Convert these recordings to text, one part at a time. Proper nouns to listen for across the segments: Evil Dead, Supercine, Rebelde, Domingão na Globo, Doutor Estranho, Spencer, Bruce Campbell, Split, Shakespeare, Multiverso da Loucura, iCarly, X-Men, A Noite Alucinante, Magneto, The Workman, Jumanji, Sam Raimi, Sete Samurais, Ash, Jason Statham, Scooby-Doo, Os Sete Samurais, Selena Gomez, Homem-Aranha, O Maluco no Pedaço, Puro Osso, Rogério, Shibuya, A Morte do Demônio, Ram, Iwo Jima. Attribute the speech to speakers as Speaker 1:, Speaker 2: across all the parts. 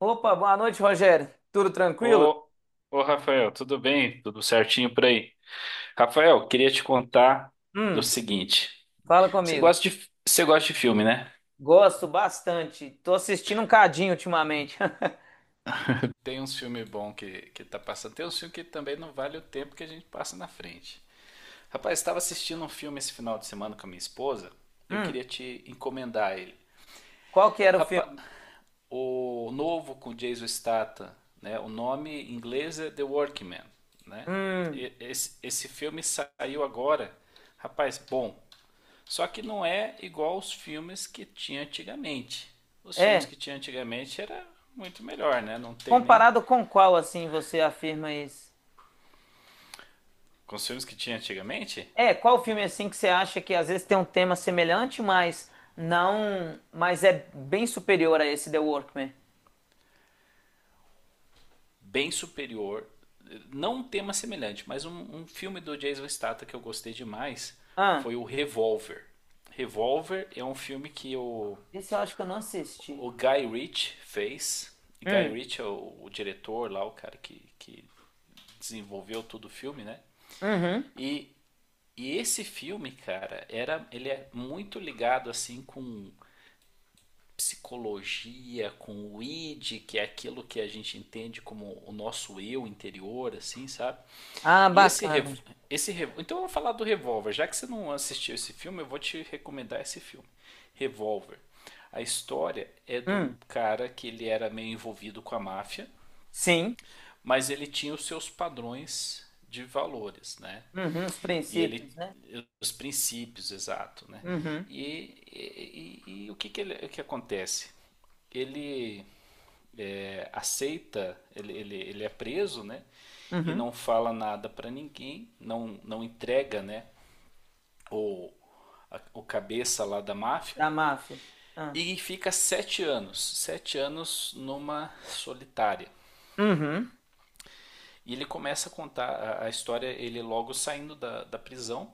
Speaker 1: Opa, boa noite, Rogério. Tudo tranquilo?
Speaker 2: Ô, ô Rafael, tudo bem? Tudo certinho por aí? Rafael, queria te contar do
Speaker 1: Hum,
Speaker 2: seguinte.
Speaker 1: Fala comigo.
Speaker 2: Você gosta de filme, né?
Speaker 1: Gosto bastante. Tô assistindo um cadinho ultimamente.
Speaker 2: Tem uns filmes bons que tá passando. Tem uns filmes que também não vale o tempo que a gente passa na frente. Rapaz, estava assistindo um filme esse final de semana com a minha esposa. Eu
Speaker 1: Hum,
Speaker 2: queria te encomendar ele.
Speaker 1: Qual que era o
Speaker 2: Rapaz,
Speaker 1: filme?
Speaker 2: o novo com Jason Statham, né? O nome em inglês é The Workman, né?
Speaker 1: Hum,
Speaker 2: Esse filme saiu agora. Rapaz, bom. Só que não é igual os filmes que tinha antigamente. Os filmes
Speaker 1: é.
Speaker 2: que tinha antigamente era muito melhor, né? Não tem nem.
Speaker 1: Comparado com qual, assim, você afirma isso?
Speaker 2: Com os filmes que tinha antigamente,
Speaker 1: É, qual filme, assim, que você acha que às vezes tem um tema semelhante, mas não... Mas é bem superior a esse The Workman?
Speaker 2: bem superior. Não um tema semelhante, mas um filme do Jason Statham que eu gostei demais
Speaker 1: Ah,
Speaker 2: foi o Revolver. Revolver é um filme que o,
Speaker 1: esse eu acho que eu não assisti.
Speaker 2: o Guy Ritchie fez. Guy
Speaker 1: Hum,
Speaker 2: Ritchie é o diretor lá, o cara que desenvolveu todo o filme, né?
Speaker 1: uhum.
Speaker 2: E E esse filme, cara, era, ele é muito ligado assim com psicologia, com o id, que é aquilo que a gente entende como o nosso eu interior, assim, sabe?
Speaker 1: Ah,
Speaker 2: E esse rev...
Speaker 1: bacana.
Speaker 2: então eu vou falar do Revolver, já que você não assistiu esse filme, eu vou te recomendar esse filme, Revolver. A história é de um
Speaker 1: Hum,
Speaker 2: cara que ele era meio envolvido com a máfia,
Speaker 1: sim.
Speaker 2: mas ele tinha os seus padrões de valores, né?
Speaker 1: Uhum, os
Speaker 2: E ele
Speaker 1: princípios, né?
Speaker 2: os princípios, exato, né?
Speaker 1: Uhum.
Speaker 2: E o que que acontece? Ele é, aceita, ele é preso, né? E
Speaker 1: Uhum.
Speaker 2: não fala nada para ninguém, não, não entrega, né? O, o cabeça lá da máfia
Speaker 1: Da máfia. Ah,
Speaker 2: e fica 7 anos, 7 anos numa solitária.
Speaker 1: uhum.
Speaker 2: E ele começa a contar a história, ele logo saindo da prisão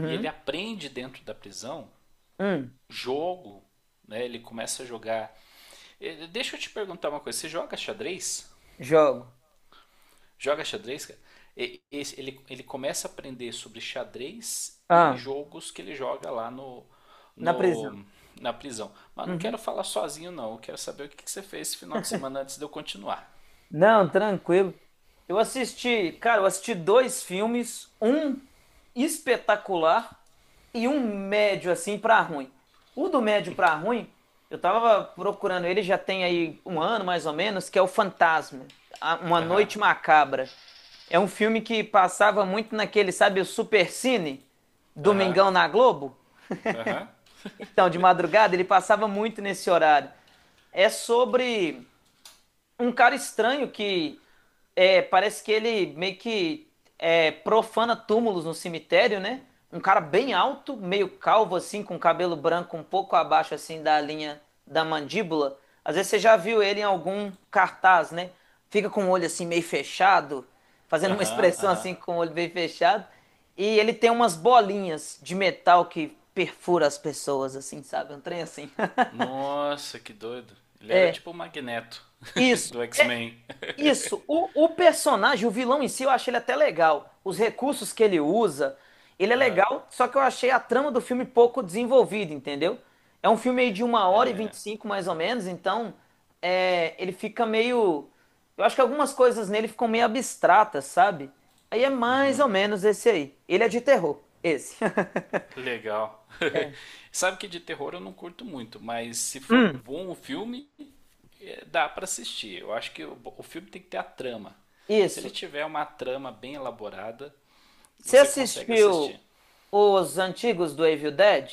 Speaker 2: e ele aprende dentro da prisão
Speaker 1: Hum.
Speaker 2: jogo, né? Ele começa a jogar. Deixa eu te perguntar uma coisa: você joga xadrez?
Speaker 1: Jogo.
Speaker 2: Joga xadrez, cara? Ele começa a aprender sobre xadrez e
Speaker 1: Ah.
Speaker 2: jogos que ele joga lá
Speaker 1: Na prisão.
Speaker 2: no- na prisão. Mas não
Speaker 1: Uhum.
Speaker 2: quero falar sozinho, não. Eu quero saber o que que você fez esse final de semana antes de eu continuar.
Speaker 1: Não, tranquilo. Eu assisti, cara, eu assisti dois filmes, um espetacular e um médio assim pra ruim. O do médio pra ruim, eu tava procurando ele já tem aí um ano mais ou menos, que é o Fantasma, A- Uma
Speaker 2: Aham,
Speaker 1: Noite Macabra. É um filme que passava muito naquele, sabe, o Supercine,
Speaker 2: aham,
Speaker 1: Domingão na Globo.
Speaker 2: aham,
Speaker 1: Então, de madrugada, ele passava muito nesse horário. É sobre um cara estranho que é, parece que ele meio que é, profana túmulos no cemitério, né? Um cara bem alto, meio calvo assim, com cabelo branco um pouco abaixo assim da linha da mandíbula. Às vezes você já viu ele em algum cartaz, né? Fica com o olho assim meio fechado, fazendo uma
Speaker 2: aham,
Speaker 1: expressão
Speaker 2: aham.
Speaker 1: assim com o olho bem fechado. E ele tem umas bolinhas de metal que perfura as pessoas, assim, sabe? Um trem assim.
Speaker 2: Nossa, que doido. Ele era tipo o Magneto
Speaker 1: Isso.
Speaker 2: do X-Men.
Speaker 1: Isso, o personagem, o vilão em si, eu achei ele até legal. Os recursos que ele usa, ele é
Speaker 2: Aham,
Speaker 1: legal, só que eu achei a trama do filme pouco desenvolvida, entendeu? É um filme aí de uma hora e vinte e
Speaker 2: é.
Speaker 1: cinco, mais ou menos, então é, ele fica meio. Eu acho que algumas coisas nele ficam meio abstratas, sabe? Aí é mais ou menos esse aí. Ele é de terror, esse.
Speaker 2: Legal. Sabe que de terror eu não curto muito, mas se for
Speaker 1: Hum,
Speaker 2: bom o filme, dá pra assistir. Eu acho que o filme tem que ter a trama. Se ele
Speaker 1: isso.
Speaker 2: tiver uma trama bem elaborada,
Speaker 1: Você
Speaker 2: você consegue
Speaker 1: assistiu
Speaker 2: assistir.
Speaker 1: os antigos do Evil Dead?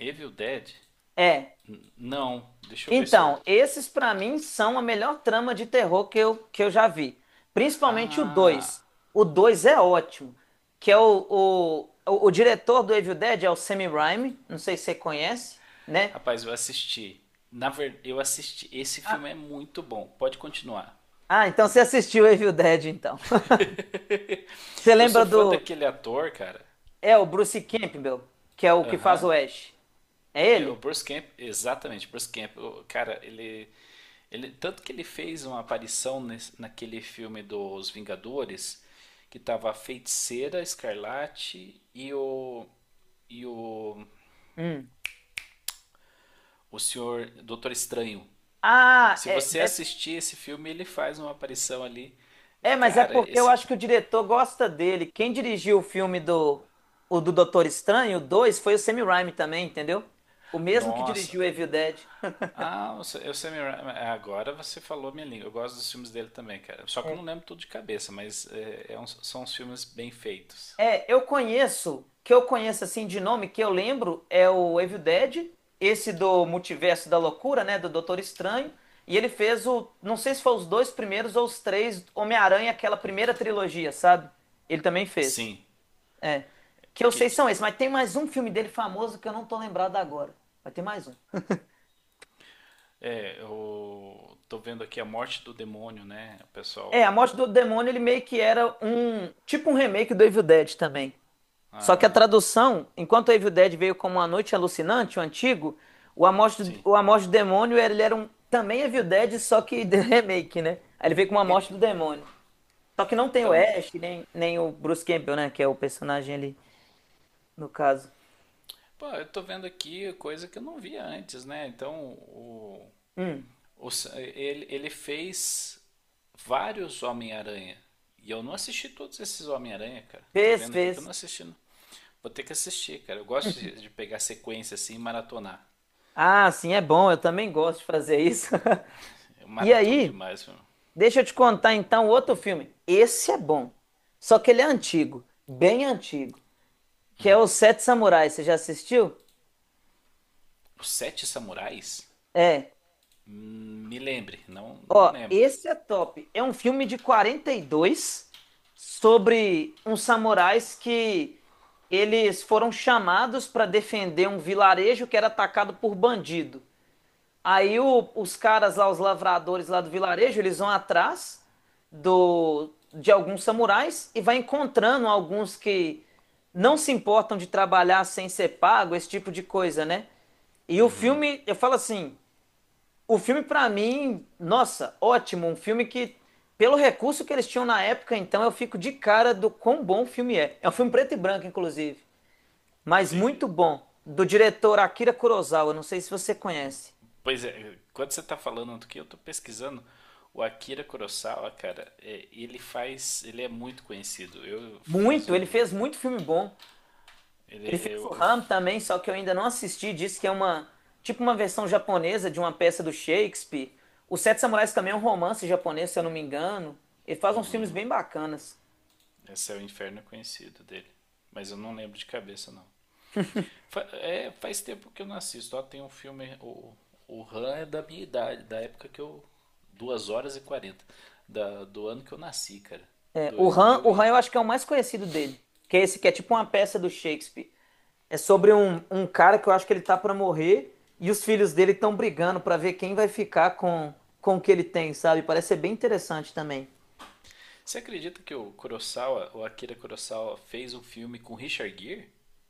Speaker 2: Evil Dead?
Speaker 1: É.
Speaker 2: Não. Deixa eu ver se eu.
Speaker 1: Então, esses pra mim são a melhor trama de terror que eu já vi. Principalmente o
Speaker 2: Ah,
Speaker 1: 2. O 2 é ótimo. Que é o diretor do Evil Dead é o Sam Raimi. Não sei se você conhece, né?
Speaker 2: rapaz, eu assisti. Na verdade, eu assisti. Esse filme é muito bom. Pode continuar.
Speaker 1: Ah, então você assistiu Evil Dead, então. Você
Speaker 2: Eu
Speaker 1: lembra
Speaker 2: sou fã
Speaker 1: do...
Speaker 2: daquele ator, cara.
Speaker 1: É o Bruce Campbell, que é o que faz o
Speaker 2: Aham.
Speaker 1: Ash. É
Speaker 2: É, o
Speaker 1: ele?
Speaker 2: Bruce Camp, exatamente, Bruce Camp, o cara, ele tanto que ele fez uma aparição naquele filme dos Vingadores, que tava a Feiticeira, Escarlate e o e o
Speaker 1: Hum.
Speaker 2: o senhor Doutor Estranho.
Speaker 1: Ah,
Speaker 2: Se
Speaker 1: é,
Speaker 2: você
Speaker 1: é
Speaker 2: assistir esse filme, ele faz uma aparição ali.
Speaker 1: É, mas é
Speaker 2: Cara,
Speaker 1: porque eu
Speaker 2: esse
Speaker 1: acho que o diretor gosta dele. Quem dirigiu o filme do Doutor Estranho, o 2, foi o Sam Raimi também, entendeu? O mesmo que
Speaker 2: nossa.
Speaker 1: dirigiu Evil Dead.
Speaker 2: Ah, o Sa- o Sam Ra- agora você falou minha língua. Eu gosto dos filmes dele também, cara. Só que eu não lembro tudo de cabeça, mas são uns filmes bem feitos.
Speaker 1: É, eu conheço, que eu conheço assim de nome, que eu lembro é o Evil Dead, esse do Multiverso da Loucura, né, do Doutor Estranho, e ele fez o, não sei se foi os dois primeiros ou os três Homem-Aranha, aquela primeira trilogia, sabe? Ele também fez.
Speaker 2: Sim,
Speaker 1: É. Que eu
Speaker 2: que
Speaker 1: sei
Speaker 2: t-
Speaker 1: são esses, mas tem mais um filme dele famoso que eu não tô lembrado agora. Vai ter mais um.
Speaker 2: eu tô vendo aqui A Morte do Demônio, né? O
Speaker 1: É, A
Speaker 2: pessoal,
Speaker 1: Morte do Demônio, ele meio que era um. Tipo um remake do Evil Dead também. Só que a
Speaker 2: ah,
Speaker 1: tradução, enquanto o Evil Dead veio como A Noite Alucinante, o antigo, o A Morte do,
Speaker 2: sim.
Speaker 1: o A Morte do Demônio, ele era um. Também Evil Dead, só que de remake, né? Aí ele veio com A
Speaker 2: E-
Speaker 1: Morte do Demônio. Só que não tem o
Speaker 2: Então,
Speaker 1: Ash, nem, nem o Bruce Campbell, né? Que é o personagem ali, no caso.
Speaker 2: pô, eu tô vendo aqui coisa que eu não via antes, né? Então, o,
Speaker 1: Hum,
Speaker 2: o s- ele, ele fez vários Homem-Aranha. E eu não assisti todos esses Homem-Aranha, cara. Tô
Speaker 1: Fez,
Speaker 2: vendo aqui que eu não
Speaker 1: fez.
Speaker 2: assisti. Não. Vou ter que assistir, cara. Eu gosto de pegar sequência assim e maratonar.
Speaker 1: Ah, sim, é bom, eu também gosto de fazer isso.
Speaker 2: Eu
Speaker 1: E
Speaker 2: maratono
Speaker 1: aí,
Speaker 2: demais, meu.
Speaker 1: deixa eu te contar então outro filme. Esse é bom. Só que ele é antigo, bem antigo, que é o Sete Samurais. Você já assistiu?
Speaker 2: Os Sete Samurais?
Speaker 1: É.
Speaker 2: Me lembre, não, não
Speaker 1: Ó,
Speaker 2: lembro.
Speaker 1: esse é top. É um filme de 42 sobre uns samurais que eles foram chamados para defender um vilarejo que era atacado por bandido. Aí o- os caras lá, os lavradores lá do vilarejo, eles vão atrás do, de alguns samurais e vai encontrando alguns que não se importam de trabalhar sem ser pago, esse tipo de coisa, né? E o filme, eu falo assim, o filme pra mim, nossa, ótimo, um filme que pelo recurso que eles tinham na época, então eu fico de cara do quão bom o filme é. É um filme preto e branco, inclusive, mas
Speaker 2: Sim.
Speaker 1: muito bom, do diretor Akira Kurosawa, não sei se você conhece.
Speaker 2: Pois é, quando você tá falando do que eu tô pesquisando, o Akira Kurosawa, cara, ele é muito conhecido. Eu fiz
Speaker 1: Muito, ele
Speaker 2: um,
Speaker 1: fez muito filme bom.
Speaker 2: ele,
Speaker 1: Ele fez o
Speaker 2: eu,
Speaker 1: Ram também, só que eu ainda não assisti. Diz que é uma, tipo uma versão japonesa de uma peça do Shakespeare. Os Sete Samurais também é um romance japonês, se eu não me engano. Ele faz uns filmes bem bacanas.
Speaker 2: esse é o inferno conhecido dele, mas eu não lembro de cabeça não. Faz tempo que eu não assisto. Ó, tem um filme, o Han é da minha idade, da época que eu, 2 horas e 40 do ano que eu nasci, cara,
Speaker 1: É,
Speaker 2: dois mil
Speaker 1: O Ram
Speaker 2: e...
Speaker 1: eu acho que é o mais conhecido dele, que é esse que é tipo uma peça do Shakespeare. É sobre um cara que eu acho que ele tá pra morrer e os filhos dele estão brigando pra ver quem vai ficar com o que ele tem, sabe? Parece ser bem interessante também.
Speaker 2: Você acredita que o Kurosawa, o Akira Kurosawa fez um filme com Richard Gere?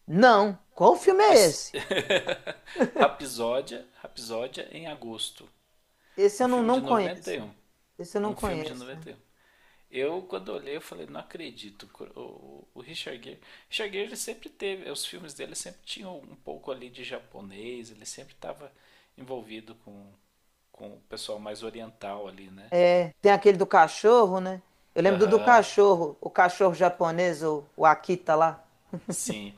Speaker 1: Não, qual filme é
Speaker 2: Es-
Speaker 1: esse?
Speaker 2: Rapsódia em agosto.
Speaker 1: Esse
Speaker 2: Um
Speaker 1: eu não,
Speaker 2: filme
Speaker 1: não
Speaker 2: de noventa e
Speaker 1: conheço.
Speaker 2: Um
Speaker 1: Esse eu não
Speaker 2: um filme de
Speaker 1: conheço.
Speaker 2: 91. Eu, quando olhei, eu falei, não acredito. O Richard Gere... Richard Gere, ele sempre teve... Os filmes dele sempre tinham um pouco ali de japonês. Ele sempre estava envolvido com o pessoal mais oriental ali, né?
Speaker 1: É, tem aquele do cachorro, né? Eu lembro do
Speaker 2: Aham,
Speaker 1: cachorro, o cachorro japonês, o Akita lá.
Speaker 2: sim.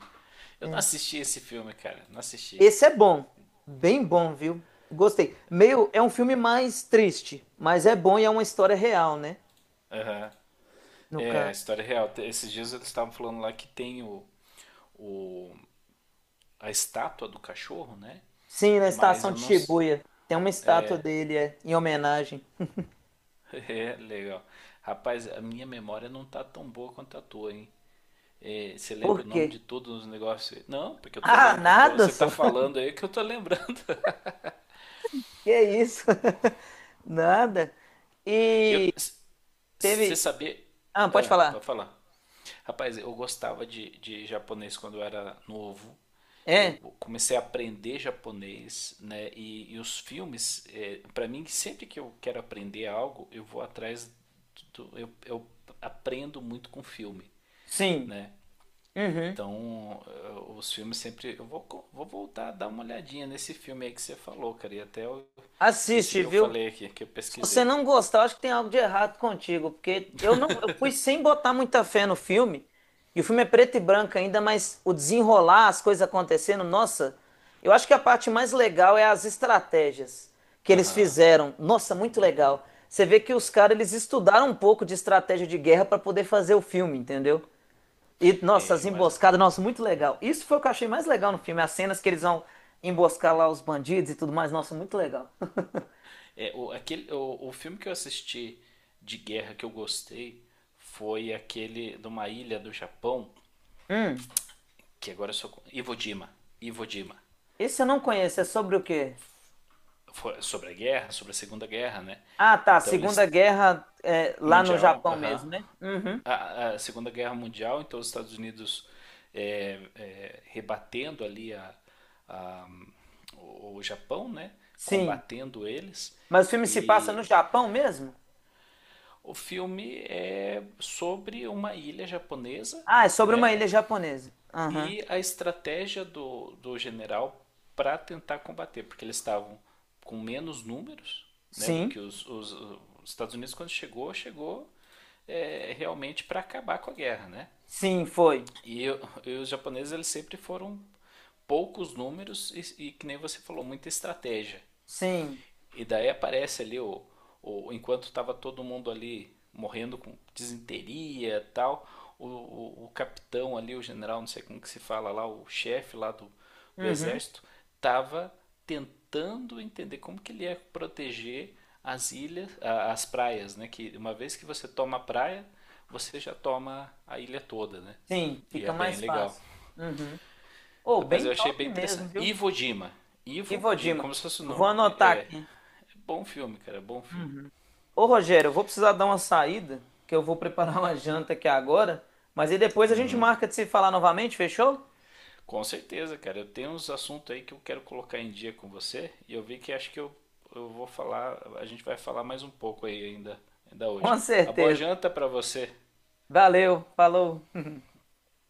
Speaker 2: Eu não assisti esse filme, cara. Não assisti.
Speaker 1: Esse é bom, bem bom, viu? Gostei. Meio, é um filme mais triste, mas é bom e é uma história real, né?
Speaker 2: Aham.
Speaker 1: No
Speaker 2: É, a
Speaker 1: caso.
Speaker 2: história é real. Esses dias eles estavam falando lá que tem o a estátua do cachorro, né?
Speaker 1: Sim, na
Speaker 2: Mas
Speaker 1: estação
Speaker 2: eu
Speaker 1: de
Speaker 2: não.
Speaker 1: Shibuya. Tem uma estátua dele, é, em homenagem.
Speaker 2: É, legal. Rapaz, a minha memória não tá tão boa quanto a tua, hein? É, você lembra
Speaker 1: Por
Speaker 2: o nome de
Speaker 1: quê?
Speaker 2: todos os negócios? Não, porque eu tô
Speaker 1: Ah,
Speaker 2: lembrando.
Speaker 1: nada
Speaker 2: Você tá
Speaker 1: só.
Speaker 2: falando aí que eu tô lembrando.
Speaker 1: Que isso? Nada.
Speaker 2: Eu,
Speaker 1: E
Speaker 2: Você
Speaker 1: teve.
Speaker 2: sabia.
Speaker 1: Ah, pode
Speaker 2: Ah,
Speaker 1: falar.
Speaker 2: pode falar. Rapaz, eu gostava de japonês quando eu era novo. Eu
Speaker 1: É.
Speaker 2: comecei a aprender japonês, né? E os filmes, para mim, sempre que eu quero aprender algo, eu vou atrás do, eu aprendo muito com filme,
Speaker 1: Sim.
Speaker 2: né?
Speaker 1: Uhum.
Speaker 2: Então, os filmes sempre. Eu vou voltar a dar uma olhadinha nesse filme aí que você falou, cara. E até esse
Speaker 1: Assiste,
Speaker 2: que eu
Speaker 1: viu?
Speaker 2: falei aqui, que eu
Speaker 1: Se você
Speaker 2: pesquisei.
Speaker 1: não gostar, eu acho que tem algo de errado contigo, porque eu não, eu fui sem botar muita fé no filme. E o filme é preto e branco ainda, mas o desenrolar, as coisas acontecendo, nossa, eu acho que a parte mais legal é as estratégias que eles
Speaker 2: Aham.
Speaker 1: fizeram. Nossa, muito legal. Você vê que os caras eles estudaram um pouco de estratégia de guerra para poder fazer o filme, entendeu? E, nossa,
Speaker 2: É,
Speaker 1: as
Speaker 2: eu,
Speaker 1: emboscadas, nossa, muito legal. Isso foi o que eu achei mais legal no filme, as cenas que eles vão emboscar lá os bandidos e tudo mais, nossa, muito legal.
Speaker 2: É, o, aquele, o filme que eu assisti de guerra que eu gostei foi aquele de uma ilha do Japão,
Speaker 1: Hum,
Speaker 2: que agora eu sou. Iwo Jima. Iwo Jima.
Speaker 1: Esse eu não conheço, é sobre o quê?
Speaker 2: Foi sobre a guerra, sobre a Segunda Guerra, né?
Speaker 1: Ah, tá,
Speaker 2: Então
Speaker 1: Segunda
Speaker 2: eles.
Speaker 1: Guerra é, lá no
Speaker 2: Mundial,
Speaker 1: Japão
Speaker 2: aham.
Speaker 1: mesmo, né? Uhum,
Speaker 2: A Segunda Guerra Mundial, então os Estados Unidos rebatendo ali a- o Japão, né?
Speaker 1: sim.
Speaker 2: Combatendo eles.
Speaker 1: Mas o filme se passa no
Speaker 2: E
Speaker 1: Japão mesmo?
Speaker 2: o filme é sobre uma ilha japonesa,
Speaker 1: Ah, é sobre uma
Speaker 2: né?
Speaker 1: ilha japonesa. Aham,
Speaker 2: E a estratégia do general para tentar combater, porque eles estavam com menos números, né, do
Speaker 1: sim,
Speaker 2: que os Estados Unidos quando chegou, realmente para acabar com a guerra, né?
Speaker 1: sim, foi.
Speaker 2: E, e os japoneses eles sempre foram poucos números e que nem você falou muita estratégia.
Speaker 1: Sim,
Speaker 2: E daí aparece ali o enquanto estava todo mundo ali morrendo com disenteria e tal, o capitão ali, o general, não sei como que se fala lá, o chefe lá do
Speaker 1: uhum,
Speaker 2: exército, estava tentando entender como que ele ia proteger as ilhas, as praias, né? Que uma vez que você toma a praia, você já toma a ilha toda, né?
Speaker 1: sim,
Speaker 2: E
Speaker 1: fica
Speaker 2: é bem
Speaker 1: mais
Speaker 2: legal.
Speaker 1: fácil. Uhum. Oh,
Speaker 2: Rapaz, eu
Speaker 1: bem
Speaker 2: achei bem
Speaker 1: top mesmo,
Speaker 2: interessante.
Speaker 1: viu?
Speaker 2: Ivo Dima.
Speaker 1: E
Speaker 2: Ivo,
Speaker 1: Ivo
Speaker 2: de,
Speaker 1: Dima,
Speaker 2: como se fosse o
Speaker 1: eu vou
Speaker 2: nome.
Speaker 1: anotar
Speaker 2: É
Speaker 1: aqui.
Speaker 2: bom filme, cara, é bom filme.
Speaker 1: Uhum. Ô Rogério, eu vou precisar dar uma saída, que eu vou preparar uma janta aqui agora, mas aí depois a gente
Speaker 2: Hum,
Speaker 1: marca de se falar novamente, fechou?
Speaker 2: com certeza, cara. Eu tenho uns assuntos aí que eu quero colocar em dia com você e eu vi que acho que a gente vai falar mais um pouco aí ainda hoje.
Speaker 1: Com
Speaker 2: A boa
Speaker 1: certeza.
Speaker 2: janta pra você.
Speaker 1: Valeu, falou.